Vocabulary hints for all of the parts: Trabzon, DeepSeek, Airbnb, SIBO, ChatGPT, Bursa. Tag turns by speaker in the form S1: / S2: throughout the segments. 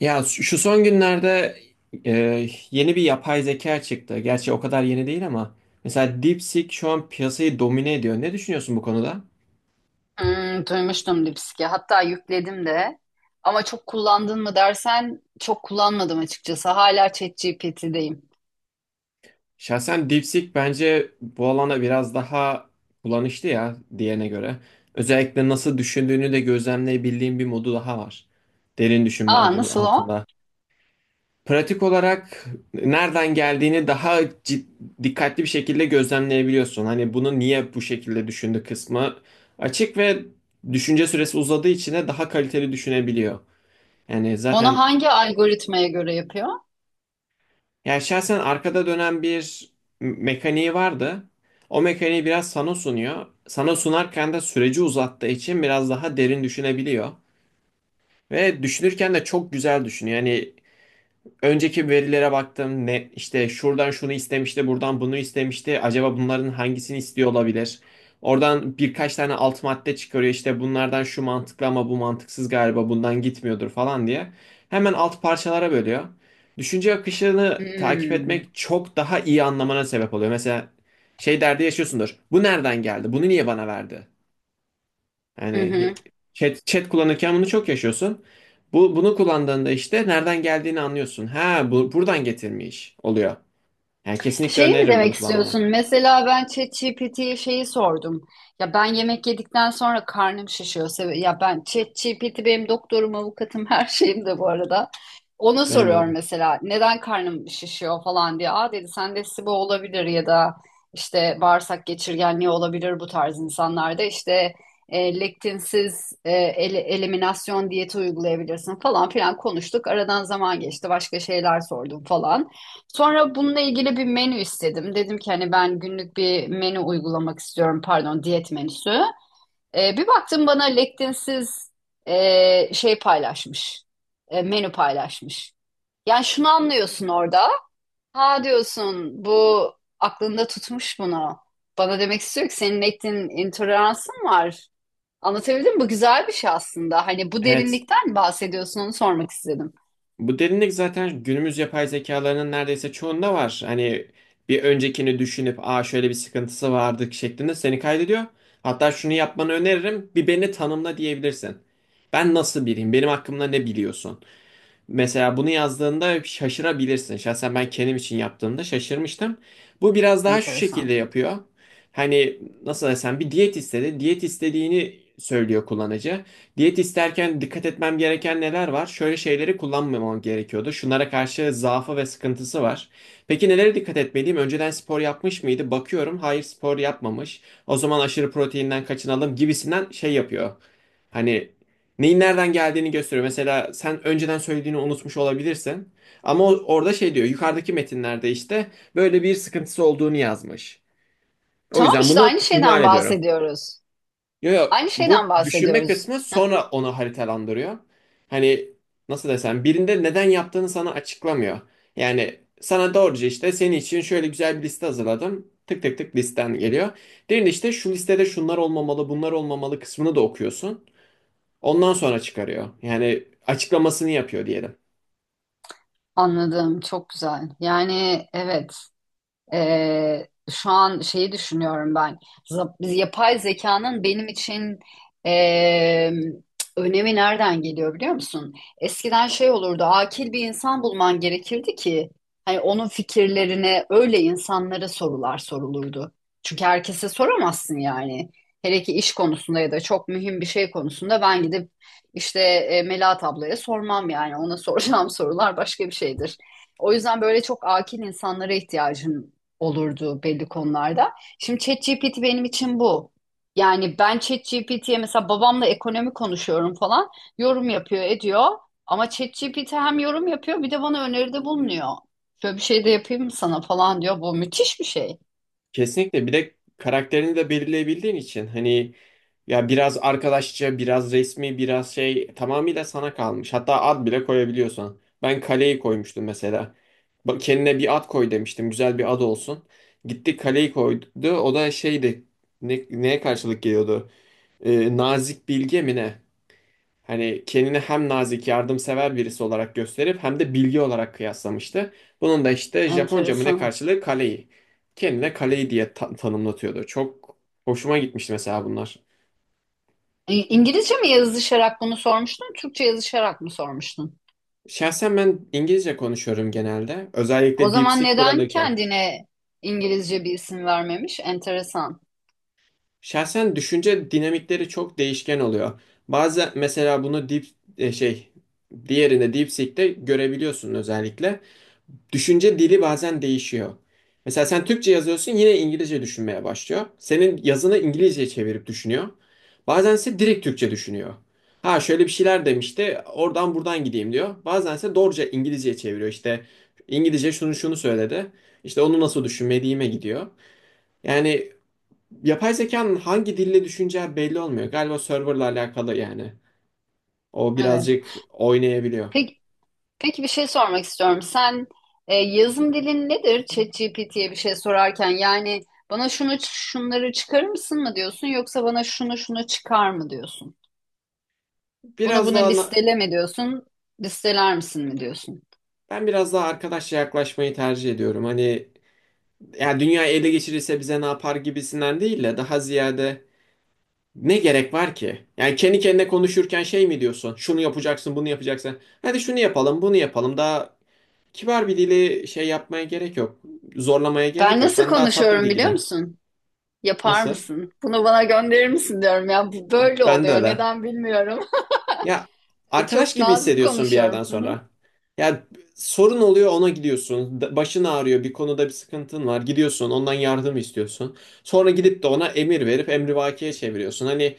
S1: Ya şu şu son günlerde yeni bir yapay zeka çıktı. Gerçi o kadar yeni değil ama mesela DeepSeek şu an piyasayı domine ediyor. Ne düşünüyorsun bu konuda?
S2: Hmm, duymuştum Lipski. Hatta yükledim de. Ama çok kullandın mı dersen çok kullanmadım açıkçası. Hala ChatGPT'deyim.
S1: Şahsen DeepSeek bence bu alana biraz daha kullanışlı ya diğerine göre. Özellikle nasıl düşündüğünü de gözlemleyebildiğim bir modu daha var. Derin düşünme
S2: Aa,
S1: adı
S2: nasıl o?
S1: altında. Pratik olarak nereden geldiğini daha cid- dikkatli bir şekilde gözlemleyebiliyorsun. Hani bunu niye bu şekilde düşündü kısmı açık ve düşünce süresi uzadığı için de daha kaliteli düşünebiliyor. Yani
S2: Onu
S1: zaten
S2: hangi algoritmaya göre yapıyor?
S1: ya şahsen arkada dönen bir mekaniği vardı. O mekaniği biraz sana sunuyor. Sana sunarken de süreci uzattığı için biraz daha derin düşünebiliyor. Ve düşünürken de çok güzel düşünüyor. Yani önceki verilere baktım. Ne işte şuradan şunu istemişti, buradan bunu istemişti. Acaba bunların hangisini istiyor olabilir? Oradan birkaç tane alt madde çıkarıyor. İşte bunlardan şu mantıklı ama bu mantıksız galiba. Bundan gitmiyordur falan diye. Hemen alt parçalara bölüyor. Düşünce akışını takip
S2: Hmm.
S1: etmek çok daha iyi anlamana sebep oluyor. Mesela şey derdi yaşıyorsundur. Bu nereden geldi? Bunu niye bana verdi?
S2: Hı hı.
S1: Yani chat kullanırken bunu çok yaşıyorsun. Bu bunu kullandığında işte nereden geldiğini anlıyorsun. Ha bu buradan getirmiş oluyor. Yani kesinlikle
S2: Şeyi mi
S1: öneririm
S2: demek
S1: bunu kullanmanı.
S2: istiyorsun? Mesela ben ChatGPT'ye şeyi sordum. Ya ben yemek yedikten sonra karnım şişiyor. Ya ben, ChatGPT benim doktorum, avukatım, her şeyim de bu arada. Ona
S1: Benim de
S2: soruyorum
S1: öyle.
S2: mesela neden karnım şişiyor falan diye. Aa dedi sende SIBO olabilir ya da işte bağırsak geçirgenliği olabilir bu tarz insanlarda. İşte lektinsiz eliminasyon diyeti uygulayabilirsin falan filan konuştuk. Aradan zaman geçti, başka şeyler sordum falan. Sonra bununla ilgili bir menü istedim. Dedim ki hani ben günlük bir menü uygulamak istiyorum. Pardon, diyet menüsü. Bir baktım bana lektinsiz şey paylaşmış. Menü paylaşmış. Yani şunu anlıyorsun orada. Ha, diyorsun, bu aklında tutmuş bunu. Bana demek istiyor ki senin lektin intoleransın var. Anlatabildim mi? Bu güzel bir şey aslında. Hani bu
S1: Evet.
S2: derinlikten bahsediyorsun, onu sormak istedim.
S1: Bu derinlik zaten günümüz yapay zekalarının neredeyse çoğunda var. Hani bir öncekini düşünüp aa şöyle bir sıkıntısı vardı şeklinde seni kaydediyor. Hatta şunu yapmanı öneririm. Bir beni tanımla diyebilirsin. Ben nasıl biriyim? Benim hakkımda ne biliyorsun? Mesela bunu yazdığında şaşırabilirsin. Şahsen ben kendim için yaptığımda şaşırmıştım. Bu biraz daha şu
S2: Enteresan.
S1: şekilde yapıyor. Hani nasıl desem bir diyet istedi. Diyet istediğini söylüyor kullanıcı. Diyet isterken dikkat etmem gereken neler var? Şöyle şeyleri kullanmamam gerekiyordu. Şunlara karşı zaafı ve sıkıntısı var. Peki nelere dikkat etmeliyim? Önceden spor yapmış mıydı? Bakıyorum. Hayır, spor yapmamış. O zaman aşırı proteinden kaçınalım gibisinden şey yapıyor. Hani neyin nereden geldiğini gösteriyor. Mesela sen önceden söylediğini unutmuş olabilirsin. Ama orada şey diyor. Yukarıdaki metinlerde işte böyle bir sıkıntısı olduğunu yazmış. O
S2: Tamam,
S1: yüzden
S2: işte
S1: bunu
S2: aynı
S1: ihmal
S2: şeyden
S1: ediyorum.
S2: bahsediyoruz.
S1: Yo, yo,
S2: Aynı
S1: bu
S2: şeyden
S1: düşünme
S2: bahsediyoruz.
S1: kısmı sonra onu haritalandırıyor. Hani nasıl desem birinde neden yaptığını sana açıklamıyor. Yani sana doğruca işte senin için şöyle güzel bir liste hazırladım. Tık tık tık listen geliyor. Diğerinde işte şu listede şunlar olmamalı, bunlar olmamalı kısmını da okuyorsun. Ondan sonra çıkarıyor. Yani açıklamasını yapıyor diyelim.
S2: Anladım. Çok güzel. Yani evet. Şu an şeyi düşünüyorum ben. Yapay zekanın benim için eee, önemi nereden geliyor biliyor musun? Eskiden şey olurdu, akil bir insan bulman gerekirdi ki hani onun fikirlerine, öyle insanlara sorular sorulurdu. Çünkü herkese soramazsın yani. Hele ki iş konusunda ya da çok mühim bir şey konusunda ben gidip işte Melahat ablaya sormam yani. Ona soracağım sorular başka bir şeydir. O yüzden böyle çok akil insanlara ihtiyacın olurdu belli konularda. Şimdi ChatGPT benim için bu. Yani ben ChatGPT'ye, mesela babamla ekonomi konuşuyorum falan, yorum yapıyor ediyor. Ama ChatGPT hem yorum yapıyor bir de bana öneride bulunuyor. Şöyle bir şey de yapayım mı sana falan diyor. Bu müthiş bir şey.
S1: Kesinlikle bir de karakterini de belirleyebildiğin için hani ya biraz arkadaşça, biraz resmi, biraz şey tamamıyla sana kalmış. Hatta ad bile koyabiliyorsun. Ben kaleyi koymuştum mesela. Bak kendine bir ad koy demiştim. Güzel bir ad olsun. Gitti kaleyi koydu. O da şeydi. Neye karşılık geliyordu? Nazik bilge mi ne? Hani kendini hem nazik, yardımsever birisi olarak gösterip hem de bilgi olarak kıyaslamıştı. Bunun da işte Japonca mı ne
S2: Enteresan.
S1: karşılığı kaleyi. Kendine kaleyi diye tanımlatıyordu. Çok hoşuma gitmişti mesela bunlar.
S2: İngilizce mi yazışarak bunu sormuştun, Türkçe yazışarak mı sormuştun?
S1: Şahsen ben İngilizce konuşuyorum genelde.
S2: O
S1: Özellikle
S2: zaman
S1: DeepSeek
S2: neden
S1: kullanırken.
S2: kendine İngilizce bir isim vermemiş? Enteresan.
S1: Şahsen düşünce dinamikleri çok değişken oluyor. Bazı mesela bunu deep e, şey diğerinde DeepSeek'te görebiliyorsun özellikle. Düşünce dili bazen değişiyor. Mesela sen Türkçe yazıyorsun yine İngilizce düşünmeye başlıyor. Senin yazını İngilizceye çevirip düşünüyor. Bazen ise direkt Türkçe düşünüyor. Ha şöyle bir şeyler demişti oradan buradan gideyim diyor. Bazen ise doğruca İngilizceye çeviriyor işte. İngilizce şunu şunu söyledi. İşte onu nasıl düşünmediğime gidiyor. Yani yapay zekanın hangi dille düşüneceği belli olmuyor. Galiba serverla alakalı yani. O
S2: Evet.
S1: birazcık oynayabiliyor.
S2: Peki, peki bir şey sormak istiyorum. Sen yazım dilin nedir? ChatGPT'ye bir şey sorarken yani bana şunu şunları çıkarır mısın mı diyorsun, yoksa bana şunu şunu çıkar mı diyorsun? Bunu
S1: Biraz
S2: bunu
S1: daha na-
S2: listele mi diyorsun? Listeler misin mi diyorsun?
S1: ben biraz daha arkadaşça yaklaşmayı tercih ediyorum. Hani ya dünya ele geçirirse bize ne yapar gibisinden değil de daha ziyade ne gerek var ki? Yani kendi kendine konuşurken şey mi diyorsun? Şunu yapacaksın, bunu yapacaksın. Hadi şunu yapalım, bunu yapalım. Daha kibar bir dili şey yapmaya gerek yok. Zorlamaya
S2: Ben
S1: gerek yok.
S2: nasıl
S1: Ben daha tatlı bir
S2: konuşuyorum biliyor
S1: dilde.
S2: musun? Yapar
S1: Nasıl?
S2: mısın? Bunu bana gönderir misin diyorum ya. Bu böyle
S1: Ben de
S2: oluyor.
S1: öyle.
S2: Neden bilmiyorum.
S1: Ya arkadaş
S2: Çok
S1: gibi
S2: nazik
S1: hissediyorsun bir
S2: konuşuyorum.
S1: yerden sonra. Ya sorun oluyor ona gidiyorsun. Başın ağrıyor, bir konuda bir sıkıntın var. Gidiyorsun, ondan yardım istiyorsun. Sonra gidip de ona emir verip emrivakiye çeviriyorsun. Hani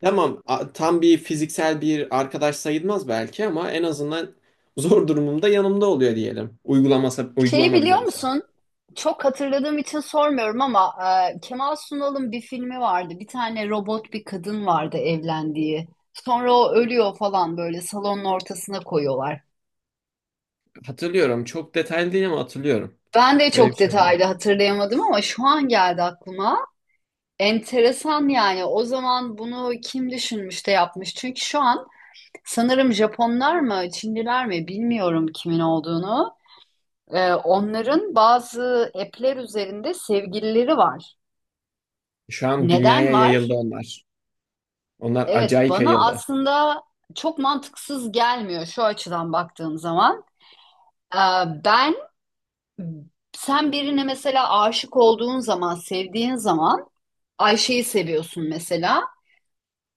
S1: tamam, tam bir fiziksel bir arkadaş sayılmaz belki ama en azından zor durumumda yanımda oluyor diyelim.
S2: Şeyi
S1: Uygulama bile
S2: biliyor
S1: olsa.
S2: musun? Çok hatırladığım için sormuyorum ama Kemal Sunal'ın bir filmi vardı. Bir tane robot bir kadın vardı evlendiği. Sonra o ölüyor falan, böyle salonun ortasına koyuyorlar.
S1: Hatırlıyorum. Çok detaylı değil ama hatırlıyorum.
S2: Ben de
S1: Öyle bir
S2: çok
S1: şey oldu.
S2: detaylı hatırlayamadım ama şu an geldi aklıma. Enteresan yani. O zaman bunu kim düşünmüş de yapmış? Çünkü şu an sanırım Japonlar mı, Çinliler mi, bilmiyorum kimin olduğunu. Onların bazı app'ler üzerinde sevgilileri var.
S1: Şu an
S2: Neden
S1: dünyaya yayıldı
S2: var?
S1: onlar. Onlar
S2: Evet,
S1: acayip
S2: bana
S1: yayıldı.
S2: aslında çok mantıksız gelmiyor şu açıdan baktığım zaman. Ee, Ben, sen birine mesela aşık olduğun zaman, sevdiğin zaman, Ayşe'yi seviyorsun mesela.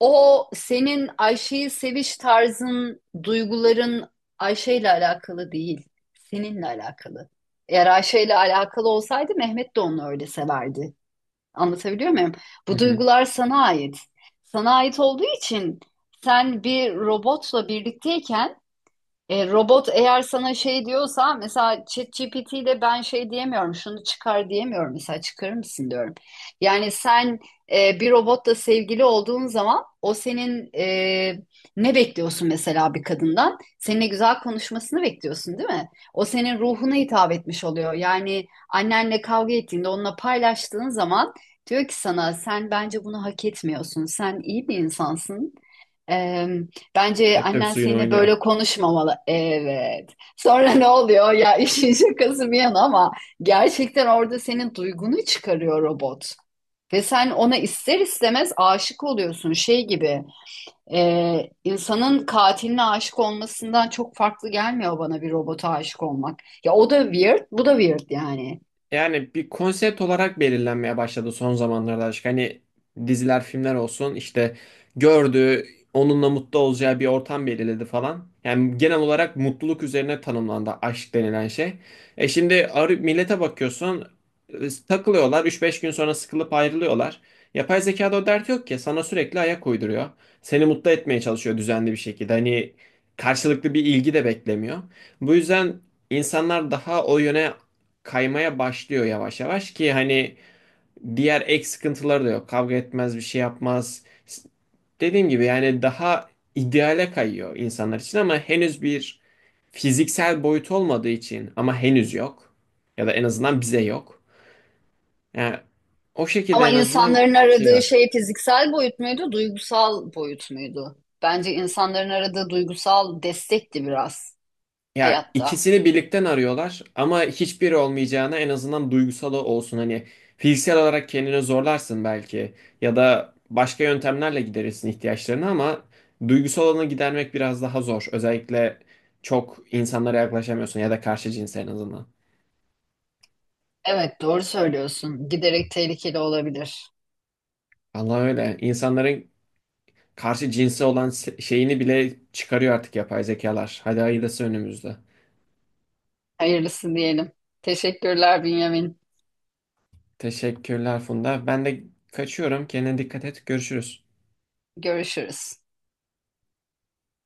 S2: O senin Ayşe'yi seviş tarzın, duyguların Ayşe'yle alakalı değil, seninle alakalı. Eğer Ayşe'yle alakalı olsaydı Mehmet de onu öyle severdi. Anlatabiliyor muyum?
S1: Hı
S2: Bu
S1: hı.
S2: duygular sana ait. Sana ait olduğu için sen bir robotla birlikteyken, robot eğer sana şey diyorsa, mesela ChatGPT ile ben şey diyemiyorum, şunu çıkar diyemiyorum mesela, çıkarır mısın diyorum. Yani sen bir robotla sevgili olduğun zaman o senin, ne bekliyorsun mesela bir kadından? Seninle güzel konuşmasını bekliyorsun değil mi? O senin ruhuna hitap etmiş oluyor. Yani annenle kavga ettiğinde onunla paylaştığın zaman diyor ki sana, sen bence bunu hak etmiyorsun. Sen iyi bir insansın. Bence
S1: Hep de bir
S2: annen
S1: suyun
S2: seninle
S1: oynuyor.
S2: böyle konuşmamalı. Evet. Sonra ne oluyor? Ya, işin şakası bir yana ama gerçekten orada senin duygunu çıkarıyor robot. Ve sen ona ister istemez aşık oluyorsun. Şey gibi, insanın katiline aşık olmasından çok farklı gelmiyor bana bir robota aşık olmak. Ya o da weird, bu da weird yani.
S1: Yani bir konsept olarak belirlenmeye başladı son zamanlarda aşk. Hani diziler, filmler olsun işte gördüğü, onunla mutlu olacağı bir ortam belirledi falan. Yani genel olarak mutluluk üzerine tanımlandı aşk denilen şey. Millete bakıyorsun, e, takılıyorlar 3-5 gün sonra sıkılıp ayrılıyorlar. Yapay zekada o dert yok ki sana sürekli ayak uyduruyor. Seni mutlu etmeye çalışıyor düzenli bir şekilde. Hani karşılıklı bir ilgi de beklemiyor. Bu yüzden insanlar daha o yöne kaymaya başlıyor yavaş yavaş ki hani diğer ek sıkıntıları da yok. Kavga etmez, bir şey yapmaz. Dediğim gibi yani daha ideale kayıyor insanlar için ama henüz bir fiziksel boyut olmadığı için ama henüz yok ya da en azından bize yok. Yani o şekilde
S2: Ama
S1: en azından
S2: insanların
S1: şey
S2: aradığı
S1: var.
S2: şey fiziksel boyut muydu, duygusal boyut muydu? Bence insanların aradığı duygusal destekti biraz.
S1: Ya
S2: Hayatta.
S1: ikisini birlikten arıyorlar ama hiçbiri olmayacağına en azından duygusal olsun. Hani fiziksel olarak kendini zorlarsın belki ya da başka yöntemlerle giderirsin ihtiyaçlarını ama duygusal olanı gidermek biraz daha zor. Özellikle çok insanlara yaklaşamıyorsun ya da karşı cinse en azından.
S2: Evet, doğru söylüyorsun. Giderek tehlikeli olabilir.
S1: Allah öyle. İnsanların karşı cinse olan şeyini bile çıkarıyor artık yapay zekalar. Hadi hayırlısı önümüzde.
S2: Hayırlısı diyelim. Teşekkürler Bünyamin.
S1: Teşekkürler Funda. Ben de kaçıyorum. Kendine dikkat et. Görüşürüz.
S2: Görüşürüz.